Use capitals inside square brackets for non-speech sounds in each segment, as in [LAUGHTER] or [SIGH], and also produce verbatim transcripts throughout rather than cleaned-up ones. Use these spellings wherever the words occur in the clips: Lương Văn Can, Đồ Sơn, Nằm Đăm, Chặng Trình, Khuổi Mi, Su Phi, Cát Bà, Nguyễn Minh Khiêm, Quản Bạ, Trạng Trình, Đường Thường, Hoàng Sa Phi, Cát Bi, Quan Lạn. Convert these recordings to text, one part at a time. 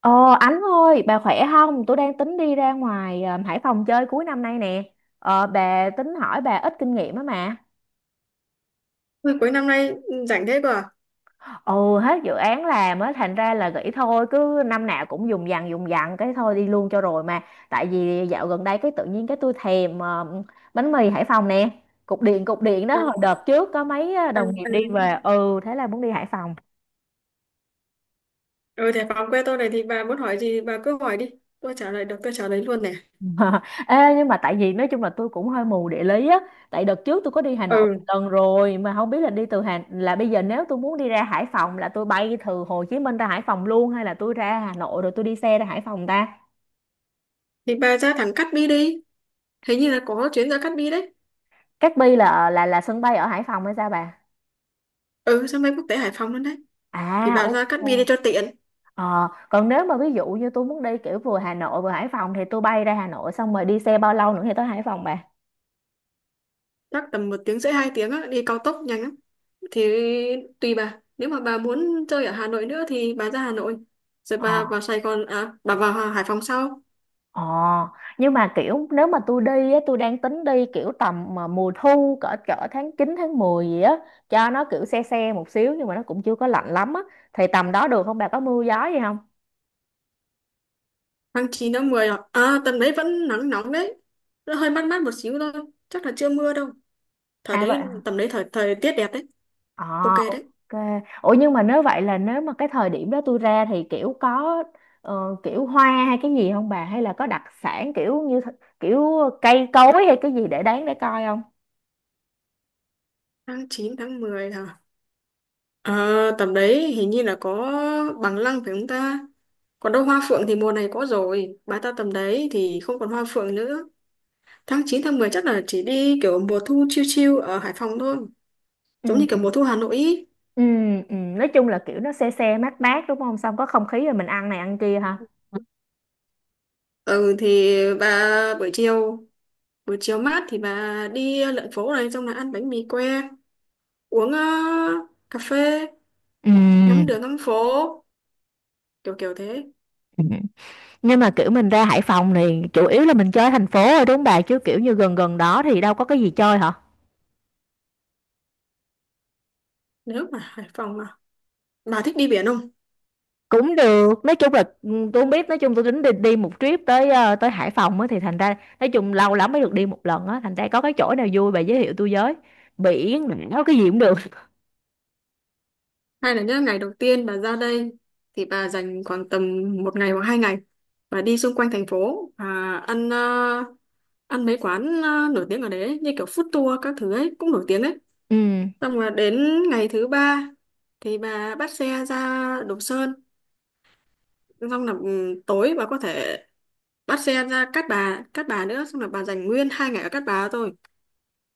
Ờ Ánh ơi, bà khỏe không? Tôi đang tính đi ra ngoài ờ, Hải Phòng chơi cuối năm nay nè. Ờ, bà tính hỏi bà ít kinh nghiệm á mà. Ôi, cuối năm nay ừ, rảnh thế cơ à? Ừ, hết dự án làm á, thành ra là nghĩ thôi, cứ năm nào cũng dùng dằng dùng dằng cái thôi đi luôn cho rồi mà. Tại vì dạo gần đây cái tự nhiên cái tôi thèm ờ, bánh mì Hải Phòng nè. Cục điện cục điện đó Ừ, hồi đợt trước có mấy ờ, ừ, đồng nghiệp ừ. đi về. Ừ, thế là muốn đi Hải Phòng. Ừ, thế phòng quê tôi này thì bà muốn hỏi gì bà cứ hỏi đi. Tôi trả lời được, tôi trả lời luôn này. [LAUGHS] Ờ, Ê, nhưng mà tại vì nói chung là tôi cũng hơi mù địa lý á, tại đợt trước tôi có đi Hà Nội Ừ, một lần rồi mà không biết là đi từ Hà là bây giờ nếu tôi muốn đi ra Hải Phòng là tôi bay từ Hồ Chí Minh ra Hải Phòng luôn hay là tôi ra Hà Nội rồi tôi đi xe ra Hải Phòng ta? thì bà ra thẳng Cát Bi đi. Hình như là có chuyến ra Cát Bi đấy. Cát Bi là là là sân bay ở Hải Phòng hay sao bà? Ừ, sân bay quốc tế Hải Phòng luôn đấy. Thì À, bà ok. ra Cát Bi đi cho tiện. Ờ, còn nếu mà ví dụ như tôi muốn đi kiểu vừa Hà Nội vừa Hải Phòng thì tôi bay ra Hà Nội xong rồi đi xe bao lâu nữa thì tới Hải Phòng, Chắc tầm một tiếng rưỡi hai tiếng á, đi cao tốc nhanh lắm. Thì tùy bà. Nếu mà bà muốn chơi ở Hà Nội nữa thì bà ra Hà Nội. Rồi bà bà? vào Sài Gòn, à, bà vào Hải Phòng sau. Ờ, nhưng mà kiểu nếu mà tôi đi á, tôi đang tính đi kiểu tầm mà mùa thu cỡ cỡ tháng chín tháng mười gì á, cho nó kiểu se se một xíu nhưng mà nó cũng chưa có lạnh lắm á, thì tầm đó được không bà, có mưa gió gì không? Tháng chín tháng mười à? À, tầm đấy vẫn nắng nóng đấy. Nó hơi mát mát một xíu thôi. Chắc là chưa mưa đâu. Thời À vậy đấy, hả? tầm đấy thời thời tiết đẹp đấy. Ờ, Ok đấy. ok. Ủa nhưng mà nếu vậy là nếu mà cái thời điểm đó tôi ra thì kiểu có ờ, kiểu hoa hay cái gì không bà, hay là có đặc sản kiểu như th- kiểu cây cối hay cái gì để đáng để coi không? Tháng chín tháng mười hả? Ờ, tầm đấy hình như là có bằng lăng phải không ta? Còn đâu hoa phượng thì mùa này có rồi. Bà ta tầm đấy thì không còn hoa phượng nữa. Tháng chín tháng mười chắc là chỉ đi kiểu mùa thu chill chill ở Hải Phòng thôi. Giống như kiểu Ừ. mùa thu Hà Nội ý. Ừ, ừ, nói chung là kiểu nó se se mát mát đúng không? Xong có không khí rồi mình ăn này ăn kia ha. Ừ, thì bà buổi chiều buổi chiều mát thì bà đi lượn phố này, xong là ăn bánh mì que, uống ờ, cà phê, Ừ, ngắm đường ngắm phố, kiểu kiểu thế. ừ. Nhưng mà kiểu mình ra Hải Phòng thì chủ yếu là mình chơi thành phố rồi đúng không bà, chứ kiểu như gần gần đó thì đâu có cái gì chơi hả? Nếu mà Hải Phòng mà bà thích đi biển không? Cũng được, nói chung là ừ, tôi không biết, nói chung tôi tính đi, đi một trip tới ờ, tới Hải Phòng á thì thành ra nói chung lâu lắm mới được đi một lần á, thành ra có cái chỗ nào vui bà giới thiệu tôi với. Biển, đảo cái gì cũng được. Hay là những ngày đầu tiên bà ra đây thì bà dành khoảng tầm một ngày hoặc hai ngày và đi xung quanh thành phố và ăn ờ, ăn mấy quán ờ, nổi tiếng ở đấy ấy, như kiểu food tour các thứ ấy cũng nổi tiếng đấy. Ừ, Xong rồi đến ngày thứ ba thì bà bắt xe ra Đồ Sơn, xong là ừ, tối bà có thể bắt xe ra Cát Bà Cát Bà nữa, xong là bà dành nguyên hai ngày ở Cát Bà thôi.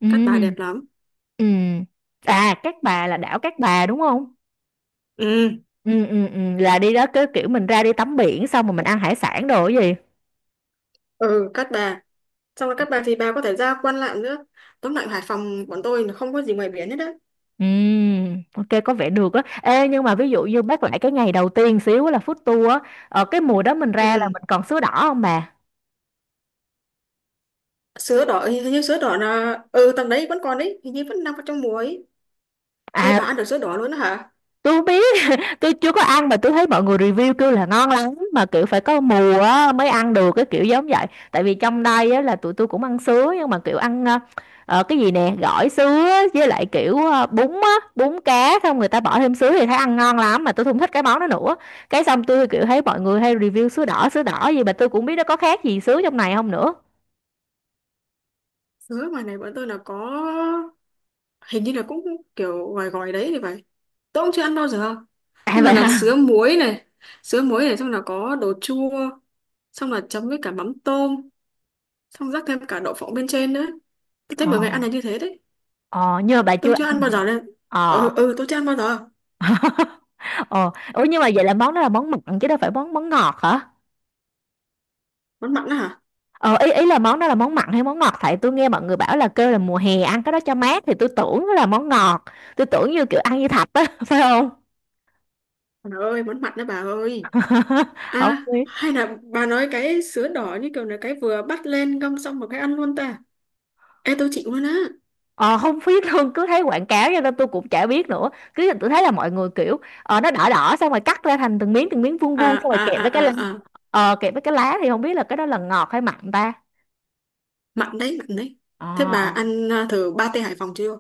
ừ, Cát Bà đẹp lắm. ừ. À, Cát Bà là đảo Cát Bà đúng không? Ừ, Ừ, ừ, ừ. Là đi đó cứ kiểu mình ra đi tắm biển xong rồi mình ăn hải sản đồ cái gì? ừ, Cát Bà. Xong rồi Cát Bà thì bà có thể ra Quan Lạn nữa. Tóm lại Hải Phòng bọn tôi là không có gì ngoài biển hết đấy. Ừm, ok có vẻ được á. Ê nhưng mà ví dụ như bác lại cái ngày đầu tiên xíu là food tour á, ở cái mùa đó mình ra là Ừ. mình còn sứa đỏ không bà? Sứa đỏ, hình hình như sứa đỏ là... Ừ, tầm đấy vẫn còn đấy. Hình như vẫn đang có trong mùa ấy. Ê, À, bà ăn được sứa đỏ luôn đó hả? tôi không biết. [LAUGHS] Tôi chưa có ăn mà tôi thấy mọi người review kêu là ngon lắm mà kiểu phải có mùa á, mới ăn được cái kiểu giống vậy. Tại vì trong đây á, là tụi tôi cũng ăn sứa nhưng mà kiểu ăn ờ, ờ, cái gì nè, gỏi sứa với lại kiểu ờ, bún á, bún cá xong người ta bỏ thêm sứa thì thấy ăn ngon lắm mà tôi không thích cái món đó nữa. Cái xong tôi kiểu thấy mọi người hay review sứa đỏ sứa đỏ gì mà tôi cũng biết nó có khác gì sứa trong này không nữa. Sứa ngoài này bọn tôi là có... Hình như là cũng kiểu gòi gòi đấy thì phải. Tôi cũng chưa ăn bao giờ. [LAUGHS] À Nhưng mà vậy là sứa hả? muối này. Sứa muối này xong là có đồ chua. Xong là chấm với cả mắm tôm. Xong rắc thêm cả đậu phộng bên trên nữa. Tôi thấy ờ mọi người ăn là như thế đấy. ờ nhưng mà bà chưa Tôi ăn. chưa ăn bao giờ nên Ờ. ừ ừ tôi chưa ăn bao giờ. [LAUGHS] Ờ, ủa nhưng mà vậy là món đó là món mặn chứ đâu phải món món ngọt hả? Món mặn đó hả? Ờ, ý ý là món đó là món mặn hay món ngọt, tại tôi nghe mọi người bảo là kêu là mùa hè ăn cái đó cho mát thì tôi tưởng nó là món ngọt. Tôi tưởng như kiểu ăn như thạch á, [LAUGHS] phải không? Bà ơi, món mặn đó bà ơi. [LAUGHS] Không À biết. hay là bà nói cái sứa đỏ như kiểu là cái vừa bắt lên ngâm xong một cái ăn luôn ta? Ê, tôi chịu luôn á. Ờ, không biết luôn, cứ thấy quảng cáo cho nên tôi cũng chả biết nữa, cứ tôi thấy là mọi người kiểu ờ, nó đỏ đỏ xong rồi cắt ra thành từng miếng từng miếng vuông vuông À, xong rồi à, kẹp à, với cái à, lá. à, Ờ, kẹp với cái lá thì không biết là cái đó là ngọt hay mặn ta. mặn đấy, mặn đấy. Thế bà Ờ. ăn à, thử ba tê Hải Phòng chưa?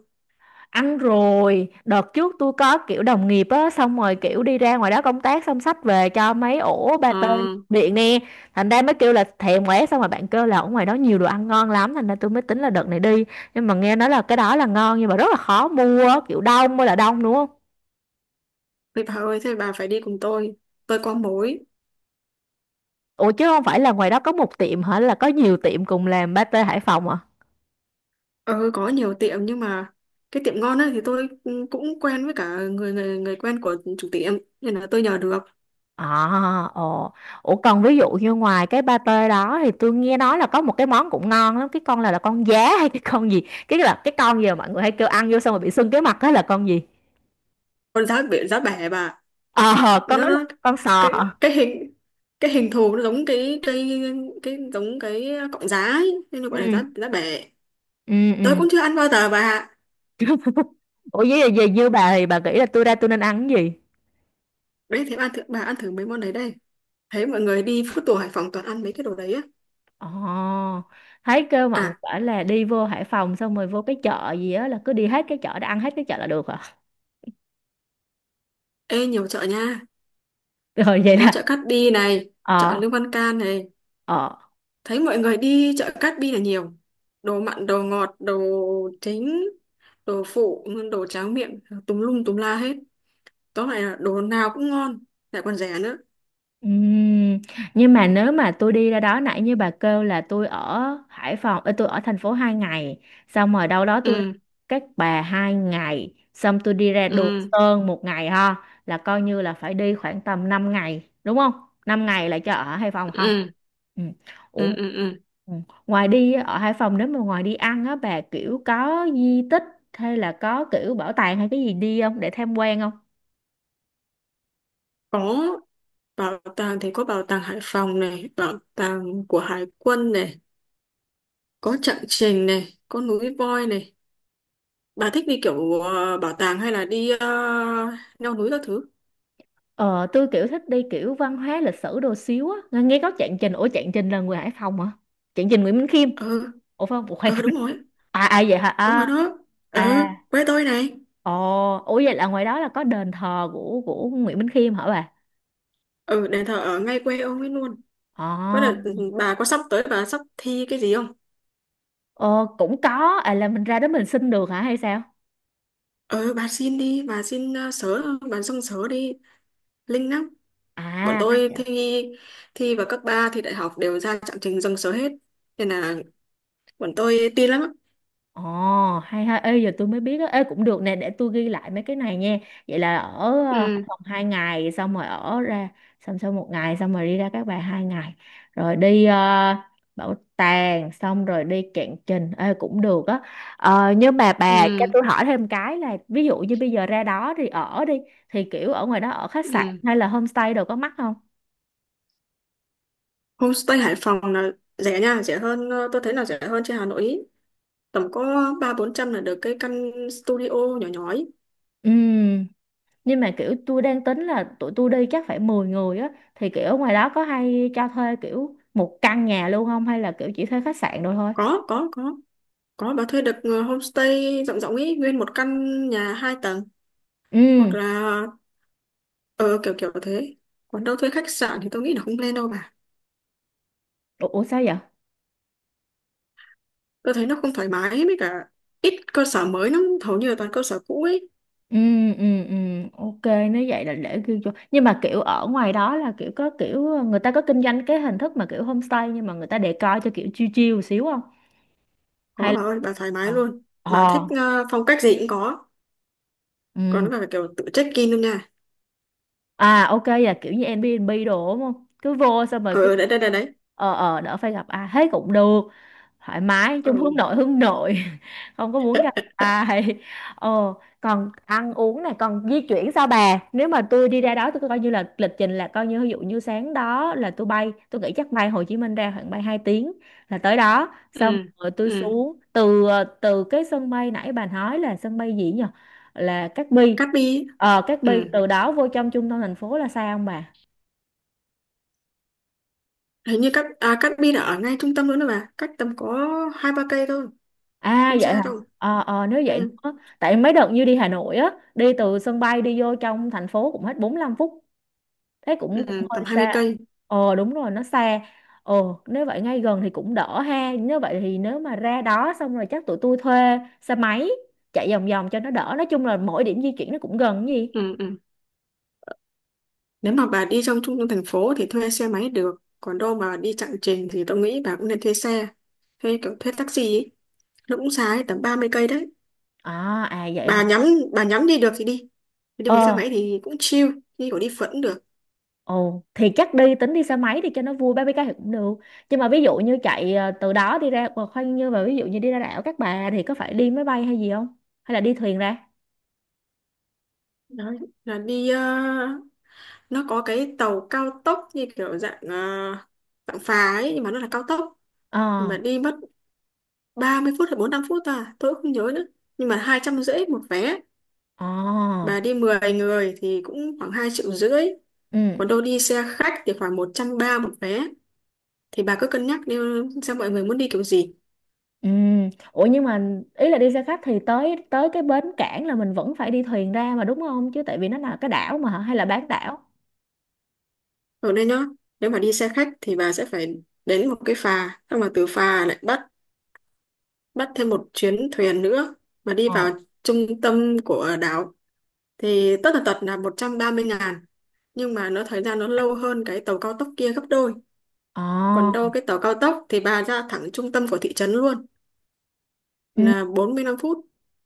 Ăn rồi, đợt trước tôi có kiểu đồng nghiệp á, xong rồi kiểu đi ra ngoài đó công tác xong xách về cho mấy ổ ờ pate điện nè. Thành ra mới kêu là thèm quá, xong rồi bạn kêu là ở ngoài đó nhiều đồ ăn ngon lắm, thành ra tôi mới tính là đợt này đi. Nhưng mà nghe nói là cái đó là ngon nhưng mà rất là khó mua á, kiểu đông mới là đông đúng không? Vậy bà ơi, thế bà phải đi cùng tôi tôi có mối. Ủa chứ không phải là ngoài đó có một tiệm hả, là có nhiều tiệm cùng làm pate Hải Phòng? Ừ, có nhiều tiệm nhưng mà cái tiệm ngon á thì tôi ừ, cũng quen với cả người người người quen của chủ tiệm, nên là tôi nhờ được. À, ồ. Ủa còn ví dụ như ngoài cái pate đó thì tôi nghe nói là có một cái món cũng ngon lắm, cái con là là con giá hay cái con gì? Cái là cái con gì mà mọi người hay kêu ăn vô xong rồi bị sưng cái mặt đó là con gì? Còn giá biển giá bẻ bà. Ờ, con nó nói là nó con sò cái hả? cái hình cái hình thù nó giống cái cây, cái giống cái cọng giá ấy. Nên nó gọi là Ừ, giá giá bể. ừ, Tôi ừ. cũng chưa ăn bao giờ bà ạ. [LAUGHS] Ủa với về như bà thì bà nghĩ là tôi ra tôi nên ăn cái gì? Đấy, thế bà ăn thử bà ăn thử mấy món đấy đây. Thấy mọi người đi food tour Hải Phòng toàn ăn mấy cái đồ đấy á. Ồ, thấy kêu mọi người À, bảo là đi vô Hải Phòng xong rồi vô cái chợ gì á, là cứ đi hết cái chợ đó ăn hết cái chợ là được hả? ê, nhiều chợ nha. [LAUGHS] Rồi vậy Có chợ là Cát Bi này, chợ ờ, Lương Văn Can này. ờ. Thấy mọi người đi chợ Cát Bi là nhiều, đồ mặn đồ ngọt, đồ chính đồ phụ, đồ tráng miệng tùm lum tùm la hết. Tóm lại là đồ nào cũng ngon, lại còn rẻ nữa. Ừm, nhưng mà nếu mà tôi đi ra đó nãy như bà kêu là tôi ở Hải Phòng, ờ, tôi ở thành phố hai ngày, xong rồi đâu đó tôi ra Ừ, Cát Bà hai ngày, xong tôi đi ra Đồ ừ, Sơn một ngày ha, là coi như là phải đi khoảng tầm năm ngày, đúng không? Năm ngày là cho ở Hải Phòng không? ừ, Ừ. Ủa, ừ, ừ, ừ. ừ. Ngoài đi ở Hải Phòng nếu mà ngoài đi ăn á bà kiểu có di tích hay là có kiểu bảo tàng hay cái gì đi không để tham quan không? Có, bảo tàng thì có bảo tàng Hải Phòng này, bảo tàng của Hải quân này, có Chặng Trình này, có núi voi này. Bà thích đi kiểu ờ, bảo tàng hay là đi ờ, leo núi các thứ? Ờ, tôi kiểu thích đi kiểu văn hóa lịch sử đồ xíu á. Nghe nghe có Trạng Trình, ủa Trạng Trình là người Hải Phòng hả? Trạng Trình Nguyễn Minh Khiêm. Ừ, Ủa phải không? Ủa, khoan. ừ, đúng rồi. [LAUGHS] À, à vậy hả? Đúng À, rồi đó. Ừ, à. quê tôi này. Ồ, ủa vậy là ngoài đó là có đền thờ của của Nguyễn Minh Khiêm hả bà? Ừ, đền thờ ở ngay quê ông ấy luôn. Có Ờ, đợt ừ, bà có sắp tới bà sắp thi cái gì không? ờ cũng có, à là mình ra đó mình xin được hả hay sao? Ừ, bà xin đi, bà xin uh, sớ, bà xong sớ đi, linh lắm. Bọn À. tôi thi thi vào cấp ba thì đại học đều ra trạng trình dân số hết, nên là bọn tôi tin lắm á. Ồ, hay ha, ê giờ tôi mới biết á, ê cũng được nè, để tôi ghi lại mấy cái này nha. Vậy là ở ờ, Hải Ừ, Phòng hai ngày, xong rồi ở ra, xong sau một ngày, xong rồi đi ra Các Bà hai ngày, rồi đi ờ, bảo tàng, xong rồi đi Cạn Trình, ê cũng được á. Ờ, nhưng mà bà cho ừ, tôi hỏi thêm cái là, ví dụ như bây giờ ra đó thì ở đi, thì kiểu ở ngoài đó ở khách sạn ừ. hay là homestay đồ có mắc không? Homestay Hải Phòng là rẻ nha, rẻ hơn ờ, tôi thấy là rẻ hơn trên Hà Nội ý. Tầm có ba bốn trăm là được cái căn studio nhỏ nhỏ ấy. Ừ. Nhưng mà kiểu tôi đang tính là tụi tôi đi chắc phải mười người á, thì kiểu ở ngoài đó có hay cho thuê kiểu một căn nhà luôn không, hay là kiểu chỉ thuê khách sạn rồi thôi? có có có có bà thuê được ờ, homestay rộng rộng ấy, nguyên một căn nhà hai tầng, Ừ. hoặc là ờ kiểu kiểu thế. Còn đâu thuê khách sạn thì tôi nghĩ là không lên đâu bà. Ủa, ủa sao vậy? Tôi thấy nó không thoải mái ấy, với cả ít cơ sở mới lắm, hầu như là toàn cơ sở cũ ấy. Ừ, ừ, ừ. Ok. Nếu vậy là để ghi vô, nhưng mà kiểu ở ngoài đó là kiểu có kiểu người ta có kinh doanh cái hình thức mà kiểu homestay nhưng mà người ta decor cho kiểu chill chill một xíu không? Hay Có bà là ơi, bà thoải mái ờ, luôn. Bà thích ờ, ờ, phong cách gì cũng có. ừ. Còn nó là kiểu tự check in luôn nha. À ok, là kiểu như Airbnb đồ đúng không, cứ vô xong rồi Ờ, cứ ờ, đấy đấy đấy đấy. ờ ờ đỡ phải gặp ai hết cũng được, thoải mái Ờ. chung, hướng nội hướng nội. [LAUGHS] Không có muốn gặp ai. Ờ, còn ăn uống này còn di chuyển sao bà, nếu mà tôi đi ra đó tôi coi như là lịch trình là coi như ví dụ như sáng đó là tôi bay, tôi nghĩ chắc bay Hồ Chí Minh ra khoảng bay hai tiếng là tới đó, xong Ừ, rồi tôi ừ. xuống từ từ cái sân bay nãy bà nói là sân bay gì nhỉ, là Cát Bi? Cát Bi. Ờ, Cát Ừ, Bi từ đó vô trong trung tâm thành phố là sao không bà? hình như Cát à, Cát Bi là ở ngay trung tâm luôn đó bà, cách tầm có hai ba cây thôi, À không vậy xa hả? đâu. Ờ, ờ nếu vậy Ừ, đó. Tại mấy đợt như đi Hà Nội á, đi từ sân bay đi vô trong thành phố cũng hết bốn lăm phút. Thế cũng cũng ừ, hơi tầm hai mươi xa. cây Ờ đúng rồi, nó xa. Ờ, nếu vậy ngay gần thì cũng đỡ ha. Nếu vậy thì nếu mà ra đó xong rồi chắc tụi tôi thuê xe máy chạy vòng vòng cho nó đỡ. Nói chung là mỗi điểm di chuyển nó cũng gần cái gì. Ừ, ừ. Nếu mà bà đi trong trung tâm thành phố thì thuê xe máy được, còn đâu mà đi chặng trình thì tôi nghĩ bà cũng nên thuê xe thuê kiểu thuê taxi ấy. Nó cũng xa đấy, tầm ba mươi cây đấy. À à vậy hả? Bà nhắm bà nhắm đi được thì đi. Đi bằng xe Ờ. máy thì cũng chill, đi kiểu đi phượt cũng được. Ồ, thì chắc đi tính đi xe máy thì cho nó vui ba mươi cây thì cũng được. Nhưng mà ví dụ như chạy ờ, từ đó đi ra ờ, khoan, như mà ví dụ như đi ra đảo Cát Bà thì có phải đi máy bay hay gì không? Hay là đi thuyền ra? Đấy là đi ờ, nó có cái tàu cao tốc như kiểu dạng ờ, dạng phà ấy nhưng mà nó là cao tốc. Ờ, Thì mà đi mất ba mươi phút hay bốn lăm phút à, tôi cũng không nhớ nữa, nhưng mà hai trăm rưỡi một vé. ờ. Bà đi mười người thì cũng khoảng hai triệu rưỡi. Ừ, Còn đâu đi xe khách thì khoảng một trăm ba một vé. Thì bà cứ cân nhắc đi, xem mọi người muốn đi kiểu gì. ừ. Ủa nhưng mà ý là đi xe khách thì tới tới cái bến cảng là mình vẫn phải đi thuyền ra mà đúng không? Chứ tại vì nó là cái đảo mà hả? Hay là bán đảo? Ở đây nhá, nếu mà đi xe khách thì bà sẽ phải đến một cái phà, xong rồi từ phà lại bắt bắt thêm một chuyến thuyền nữa mà đi Ờ. vào trung tâm của đảo, thì tất tần tật là một trăm ba mươi ngàn, nhưng mà nó thời gian nó lâu hơn cái tàu cao tốc kia gấp đôi. Ờ. Còn đâu cái tàu cao tốc thì bà ra thẳng trung tâm của thị trấn luôn, Ừ. là bốn mươi lăm phút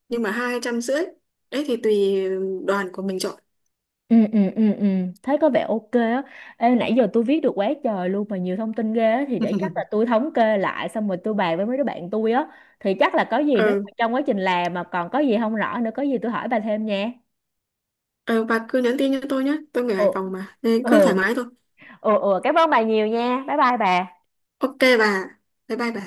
nhưng mà hai trăm rưỡi. Đấy thì tùy đoàn của mình chọn. Ừ, ừ, ừ, ừ. Thấy có vẻ ok á. Ê, nãy giờ tôi viết được quá trời luôn mà nhiều thông tin ghê á. Thì để chắc là [LAUGHS] tôi thống kê lại xong rồi tôi bàn với mấy đứa bạn tôi á. Thì chắc là có gì, nếu mà Ừ, trong quá trình làm mà còn có gì không rõ nữa, có gì tôi hỏi bà thêm nha. ừ, bà cứ nhắn tin cho tôi nhé, tôi người Ừ. Hải Phòng mà, nên cứ thoải Ừ. mái thôi. Ừ, ừ. Cảm ơn bà nhiều nha. Bye bye bà. Ok bà, bye bye bà.